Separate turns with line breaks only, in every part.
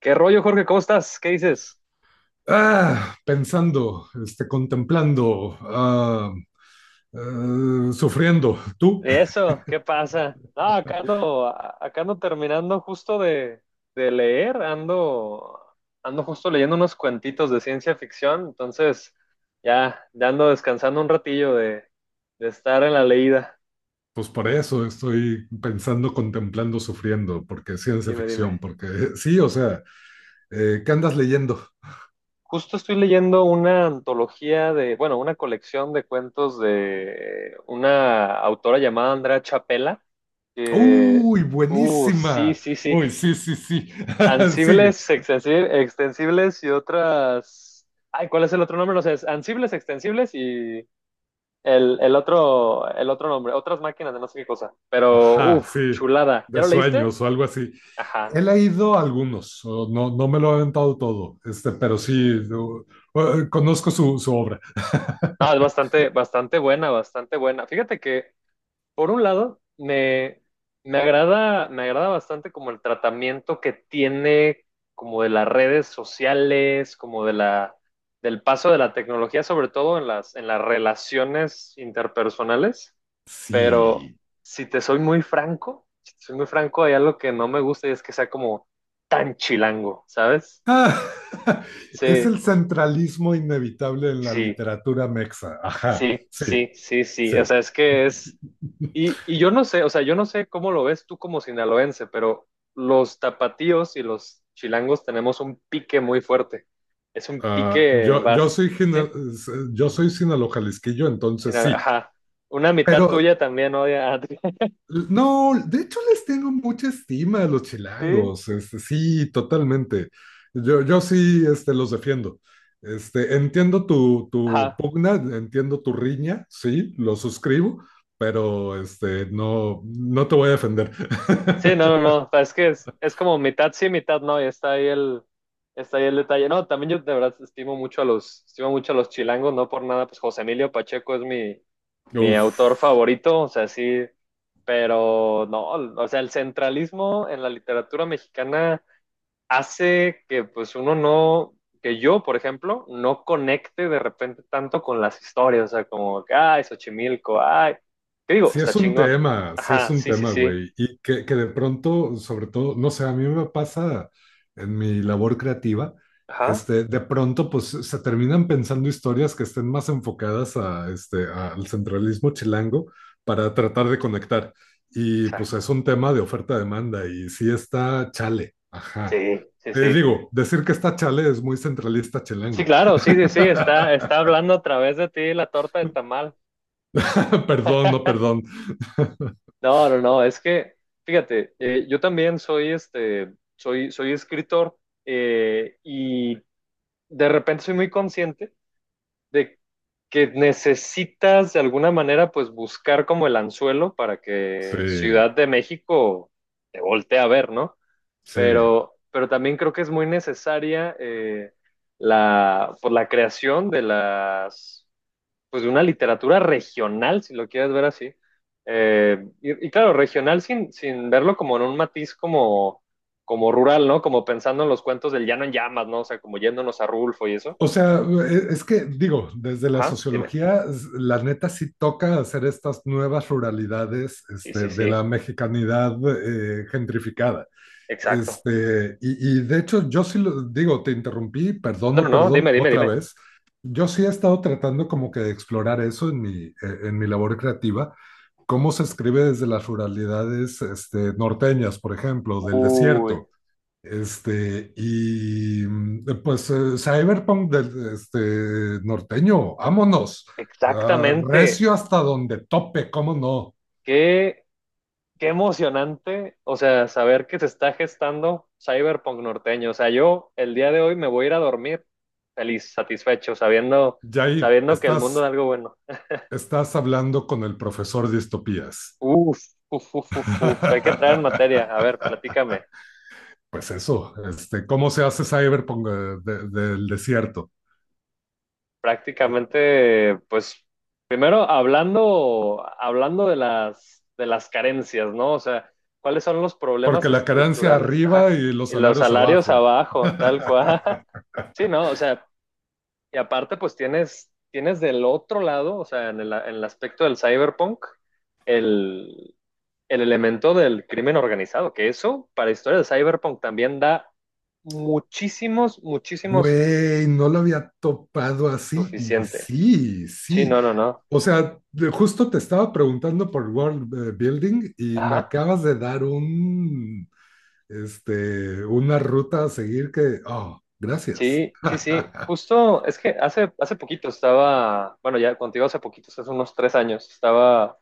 ¿Qué rollo, Jorge? ¿Cómo estás? ¿Qué dices?
Ah, pensando, este, contemplando, sufriendo. ¿Tú?
Eso, ¿qué pasa? No, acá ando, acá ando terminando justo de, leer, ando justo leyendo unos cuentitos de ciencia ficción, entonces ya ando descansando un ratillo de estar en la leída.
Pues por eso estoy pensando, contemplando, sufriendo, porque es ciencia
Dime, dime.
ficción, porque sí, o sea, ¿qué andas leyendo?
Justo estoy leyendo una antología bueno, una colección de cuentos de una autora llamada Andrea Chapela, que,
¡Uy,
sí,
buenísima!
sí, sí.
Uy, sí, sí, sí. Sigue.
Ansibles, extensibles y otras. Ay, ¿cuál es el otro nombre? No sé, es ansibles, extensibles y el otro, el otro nombre, otras máquinas de no sé qué cosa. Pero,
Ajá,
uff,
sí,
chulada. ¿Ya
de
lo leíste?
sueños o algo así.
Ajá.
He leído algunos, o no, no me lo he aventado todo, este, pero sí, conozco su obra.
No, es bastante, bastante buena, bastante buena. Fíjate que por un lado, me agrada bastante como el tratamiento que tiene como de las redes sociales, como de del paso de la tecnología, sobre todo en las relaciones interpersonales. Pero
Sí.
si te soy muy franco, si te soy muy franco, hay algo que no me gusta y es que sea como tan chilango, ¿sabes?
Ah,
Sí,
es el centralismo inevitable en la
sí.
literatura mexa. Ajá,
Sí,
sí,
sí, sí, sí.
sí.
O sea, es que es. Y yo no sé, o sea, yo no sé cómo lo ves tú como sinaloense, pero los tapatíos y los chilangos tenemos un pique muy fuerte. Es un
Ah,
pique
yo, yo
vas,
soy,
¿sí?
gina- yo soy sinaloa-jalisquillo, entonces
Sina-
sí.
ajá. Una
Pero
mitad tuya también odia a ti.
no, de hecho les tengo mucha estima a los
Sí,
chilangos. Este, sí, totalmente. Yo sí, este, los defiendo. Este, entiendo tu
ajá.
pugna, entiendo tu riña, sí, lo suscribo, pero este, no, no te voy a defender.
Sí, no, no, no. O sea, es que es como mitad sí, mitad no, y está ahí el detalle. No, también yo de verdad estimo mucho a los chilangos, no por nada, pues José Emilio Pacheco es mi
Uf,
autor favorito, o sea, sí, pero no, o sea, el centralismo en la literatura mexicana hace que pues uno no, que yo, por ejemplo, no conecte de repente tanto con las historias, o sea, como, ay, Xochimilco, ay, ¿qué digo?
sí
Está
es un
chingón.
tema, sí es
Ajá,
un
sí, sí,
tema,
sí,
güey. Y que de pronto, sobre todo, no sé, a mí me pasa en mi labor creativa,
ajá,
este, de pronto, pues se terminan pensando historias que estén más enfocadas a, este, al centralismo chilango para tratar de conectar. Y pues
exacto.
es un tema de oferta-demanda y sí está chale, ajá.
Sí, sí,
Te
sí.
digo, decir que está chale es muy centralista
Sí,
chilango.
claro, sí, sí, sí, está, está hablando a través de ti la torta de tamal.
Perdón, no, perdón.
No, no, no, es que, fíjate, yo también soy, este, soy escritor y de repente soy muy consciente de que necesitas de alguna manera, pues, buscar como el anzuelo para
Sí,
que Ciudad de México te voltee a ver, ¿no?
sí.
Pero también creo que es muy necesaria por la creación de las pues de una literatura regional, si lo quieres ver así. Y, claro, regional sin verlo como en un matiz como rural, ¿no? Como pensando en los cuentos del llano en llamas, ¿no? O sea, como yéndonos a Rulfo y eso.
O sea, es que digo, desde la
Ajá, dime.
sociología, la neta sí toca hacer estas nuevas ruralidades
Sí,
este,
sí,
de la
sí,
mexicanidad gentrificada.
exacto.
Este, y de hecho, yo sí lo digo, te interrumpí, perdón,
No, no,
no
no,
perdón,
dime, dime,
otra
dime.
vez. Yo sí he estado tratando como que de explorar eso en mi labor creativa, cómo se escribe desde las ruralidades este, norteñas, por ejemplo, del
Uy,
desierto. Este, y pues Cyberpunk del este, norteño, vámonos. Ah,
exactamente.
recio hasta donde tope, ¿cómo no?
¿Qué Qué emocionante! O sea, saber que se está gestando Cyberpunk norteño. O sea, yo el día de hoy me voy a ir a dormir feliz, satisfecho, sabiendo,
Jair,
sabiendo que el mundo es
estás,
algo bueno.
estás hablando con el profesor de distopías.
Uf, uf, uf, uf, uf. Hay que entrar en materia. A ver, platícame.
Pues eso, este, ¿cómo se hace Cyberpunk del desierto?
Prácticamente, pues, primero hablando de las carencias, ¿no? O sea, ¿cuáles son los problemas
Porque la carencia
estructurales?
arriba
Ajá.
y los
Y los
salarios
salarios
abajo.
abajo, tal cual. Sí, no, o sea, y aparte, pues tienes del otro lado, o sea, en el aspecto del cyberpunk, el, el elemento del crimen organizado, que eso para historia de cyberpunk también da muchísimos, muchísimos
Güey, no lo había topado así y
suficiente.
sí,
Sí,
sí.
no, no, no.
O sea, justo te estaba preguntando por World Building y me
Ajá.
acabas de dar una ruta a seguir que, oh, gracias.
Sí, sí, sí. Justo, es que hace poquito estaba, bueno, ya contigo hace poquito, hace unos tres años, estaba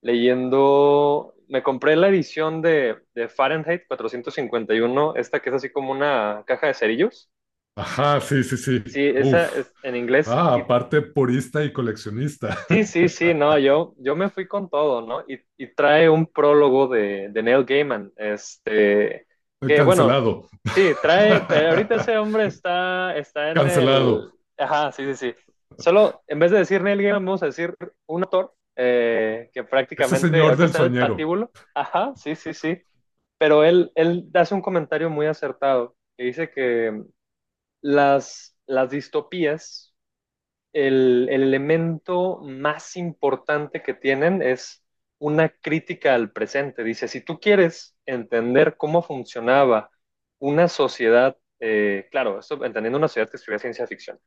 leyendo, me compré la edición de, Fahrenheit 451, esta que es así como una caja de cerillos.
Ajá, sí, sí,
Sí,
sí.
esa
Uf.
es en inglés.
Ah, aparte purista y coleccionista.
Sí, sí, sí, no, yo me fui con todo, ¿no? Y trae un prólogo de Neil Gaiman, este, que bueno,
Cancelado.
sí, trae, ahorita ese hombre está en
Cancelado.
el, ajá, sí, sí, sí, solo en vez de decir Neil Gaiman, vamos a decir un autor que
Ese
prácticamente
señor
ahorita
del
está en el
sueñero.
patíbulo, ajá, sí, sí, sí, pero él hace un comentario muy acertado, que dice que las distopías el elemento más importante que tienen es una crítica al presente. Dice, si tú quieres entender cómo funcionaba una sociedad, claro, esto, entendiendo una sociedad que estudia ciencia ficción,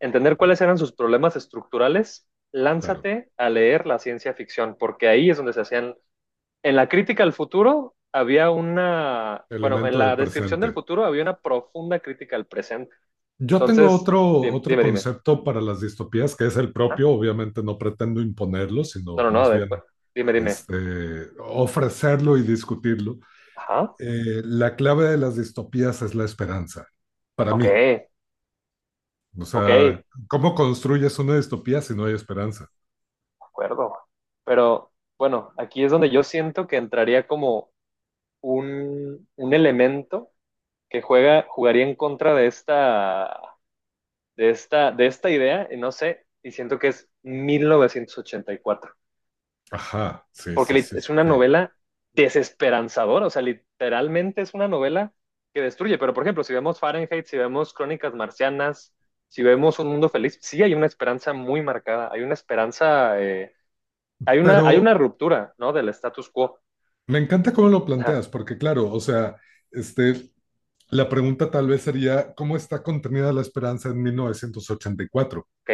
entender
Claro,
cuáles eran sus problemas estructurales,
claro.
lánzate a leer la ciencia ficción, porque ahí es donde se hacían, en la crítica al futuro había una, bueno, en
Elemento de
la descripción
presente.
del futuro había una profunda crítica al presente.
Yo tengo
Entonces,
otro, otro
dime, dime.
concepto para las distopías que es el propio. Obviamente no pretendo imponerlo,
No,
sino
no, no,
más
después.
bien
Dime, dime.
este, ofrecerlo y discutirlo.
Ajá.
La clave de las distopías es la esperanza, para
Ok,
mí. O
ok,
sea,
de
¿cómo construyes una distopía si no hay esperanza?
acuerdo. Pero bueno, aquí es donde yo siento que entraría como un elemento que juega, jugaría en contra de esta, de esta idea, y no sé, y siento que es 1984.
Ajá, sí,
Porque
sí, sí,
es una
sí.
novela desesperanzadora, o sea, literalmente es una novela que destruye, pero por ejemplo, si vemos Fahrenheit, si vemos Crónicas Marcianas, si vemos Un Mundo Feliz, sí hay una esperanza muy marcada, hay una esperanza, hay una, hay
Pero
una ruptura, ¿no? Del status quo.
me encanta cómo lo
Ajá,
planteas, porque claro, o sea, este, la pregunta tal vez sería, ¿cómo está contenida la esperanza en 1984?
ok,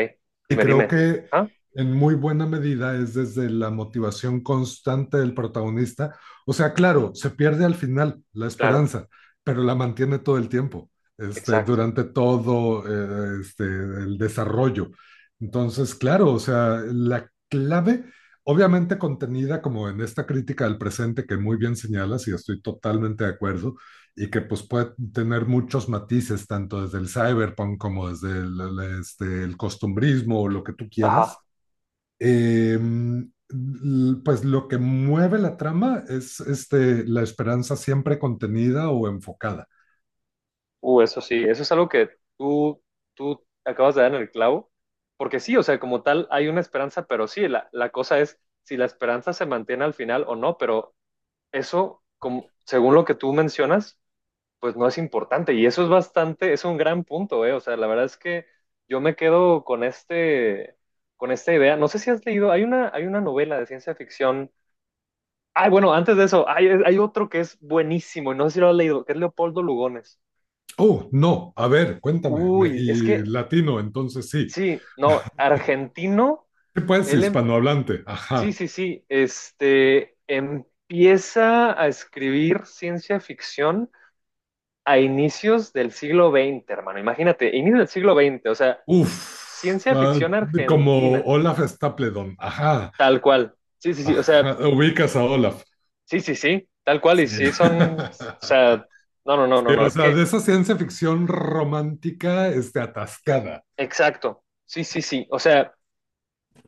Y
dime,
creo
dime.
que
Ah,
en muy buena medida es desde la motivación constante del protagonista. O sea, claro, se pierde al final la
claro,
esperanza, pero la mantiene todo el tiempo, este,
exacto.
durante todo este, el desarrollo. Entonces, claro, o sea, la clave, obviamente contenida como en esta crítica al presente que muy bien señalas y estoy totalmente de acuerdo, y que pues puede tener muchos matices, tanto desde el cyberpunk como desde el costumbrismo o lo que tú
Ajá.
quieras. Eh, pues lo que mueve la trama es este, la esperanza siempre contenida o enfocada.
Eso sí, eso es algo que tú, tú acabas de dar en el clavo, porque sí, o sea, como tal hay una esperanza, pero sí, la cosa es si la esperanza se mantiene al final o no, pero eso, como, según lo que tú mencionas, pues no es importante y eso es bastante, es un gran punto, o sea, la verdad es que yo, me quedo con este, con esta idea, no sé si has leído, hay una novela de ciencia ficción, ay, bueno, antes de eso, hay otro que es buenísimo y no sé si lo has leído, que es Leopoldo Lugones.
Oh, no, a ver, cuéntame. Me,
Uy, es
y
que
latino, entonces sí.
sí, no, argentino,
¿Qué pues,
él,
hispanohablante?
sí,
Ajá.
sí, sí, este, empieza a escribir ciencia ficción a inicios del siglo XX, hermano, imagínate, inicios del siglo XX, o sea,
Uff.
ciencia
Uh,
ficción
como
argentina,
Olaf Stapledon. Ajá.
tal cual, sí, sí, sí, o sea,
Ajá. Ubicas a Olaf.
sí, sí, sí, tal cual, y
Sí.
sí son, o sea, no, no, no, no,
Sí,
no,
o
es
sea,
que,
de esa ciencia ficción romántica este, atascada.
exacto, sí, sí, sí, o sea,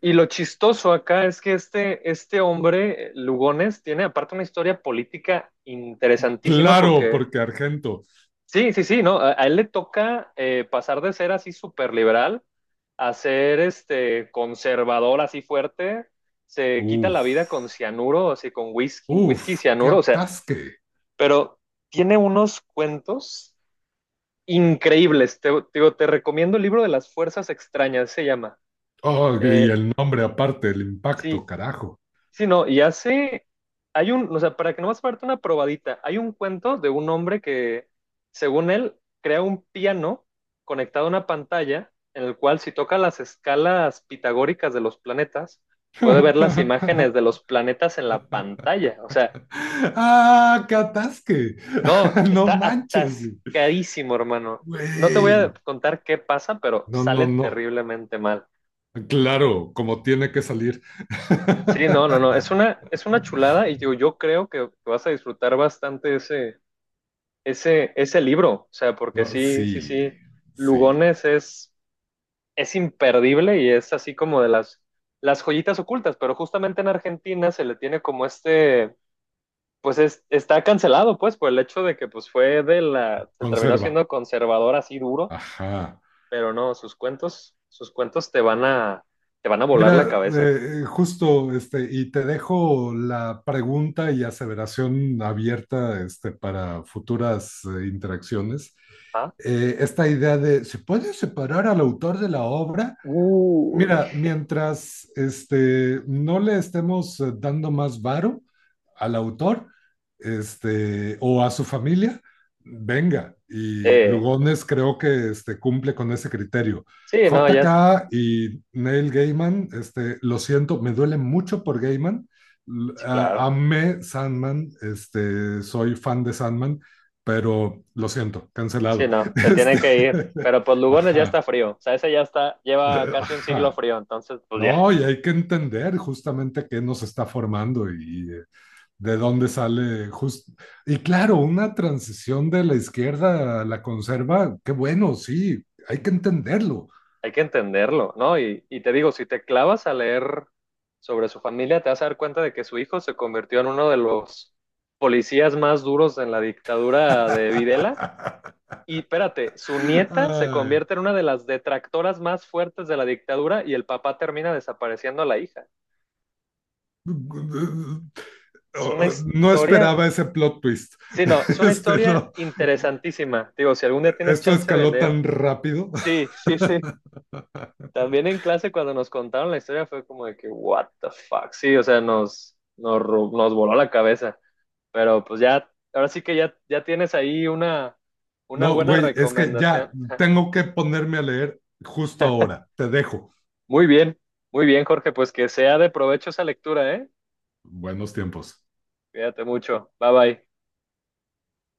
y lo chistoso acá es que este hombre, Lugones, tiene aparte una historia política interesantísima
Claro,
porque,
porque Argento.
sí, sí, sí, ¿no? A él le toca pasar de ser así súper liberal a ser este conservador así fuerte. Se quita la
Uf,
vida con cianuro, así con whisky,
uf,
whisky y
qué
cianuro, o sea,
atasque.
pero tiene unos cuentos increíbles. Digo, te recomiendo el libro de las fuerzas extrañas, se llama.
Oh, y
Eh,
el nombre aparte, el impacto,
sí,
carajo.
sí, no, y hay un, o sea, para que nomás parte una probadita, hay un cuento de un hombre que, según él, crea un piano conectado a una pantalla en el cual si toca las escalas pitagóricas de los planetas, puede ver las imágenes de los planetas en la pantalla. O sea,
Ah, qué atasque.
no,
No
está
manches.
atascadísimo, hermano. No te voy a
Güey.
contar qué pasa, pero
No, no,
sale
no.
terriblemente mal.
Claro, como tiene que salir.
Sí, no, no, no, es una chulada y yo creo que vas a disfrutar bastante ese ese libro, o sea, porque
Oh,
sí, sí,
sí,
sí,
sí.
Lugones es imperdible y es así como de las joyitas ocultas, pero justamente en Argentina se le tiene como este, pues está cancelado, pues, por el hecho de que pues fue de la, se terminó
Conserva.
siendo conservador así duro,
Ajá.
pero no, sus cuentos te van a volar la
Mira,
cabeza.
justo, este, y te dejo la pregunta y aseveración abierta, este, para futuras interacciones.
¿Ah?
Esta idea de, ¿se puede separar al autor de la obra?
Uy.
Mira, mientras este, no le estemos dando más varo al autor este, o a su familia, venga. Y
Eh,
Lugones creo que este, cumple con ese criterio.
sí, no, ya,
JK y Neil Gaiman, este, lo siento, me duele mucho por Gaiman. L-
sí,
a-
claro.
amé Sandman, este, soy fan de Sandman, pero lo siento,
Sí,
cancelado.
no, se tiene
Este,
que ir. Pero pues Lugones ya está
ajá,
frío. O sea, ese ya está, lleva casi un siglo
ajá.
frío. Entonces, pues ya,
No, y hay que entender justamente qué nos está formando y de dónde sale just- Y claro, una transición de la izquierda a la conserva, qué bueno, sí, hay que entenderlo.
hay que entenderlo, ¿no? Y te digo, si te clavas a leer sobre su familia, te vas a dar cuenta de que su hijo se convirtió en uno de los policías más duros en la dictadura de Videla. Y espérate, su nieta se
Ay,
convierte en una de las detractoras más fuertes de la dictadura y el papá termina desapareciendo a la hija. Es una
oh, no
historia.
esperaba ese plot twist.
Sí, no, es una
Este,
historia
no,
interesantísima. Digo, si algún día tienes
esto
chance de
escaló
leer.
tan rápido.
Sí, sí, sí. También en clase cuando nos contaron la historia fue como de que, what the fuck. Sí, o sea, nos voló la cabeza. Pero pues ya, ahora sí que ya, ya tienes ahí una
No,
buena
güey, es que ya
recomendación.
tengo que ponerme a leer justo ahora. Te dejo.
Muy bien, muy bien, Jorge. Pues que sea de provecho esa lectura, ¿eh?
Buenos tiempos.
Cuídate mucho. Bye bye.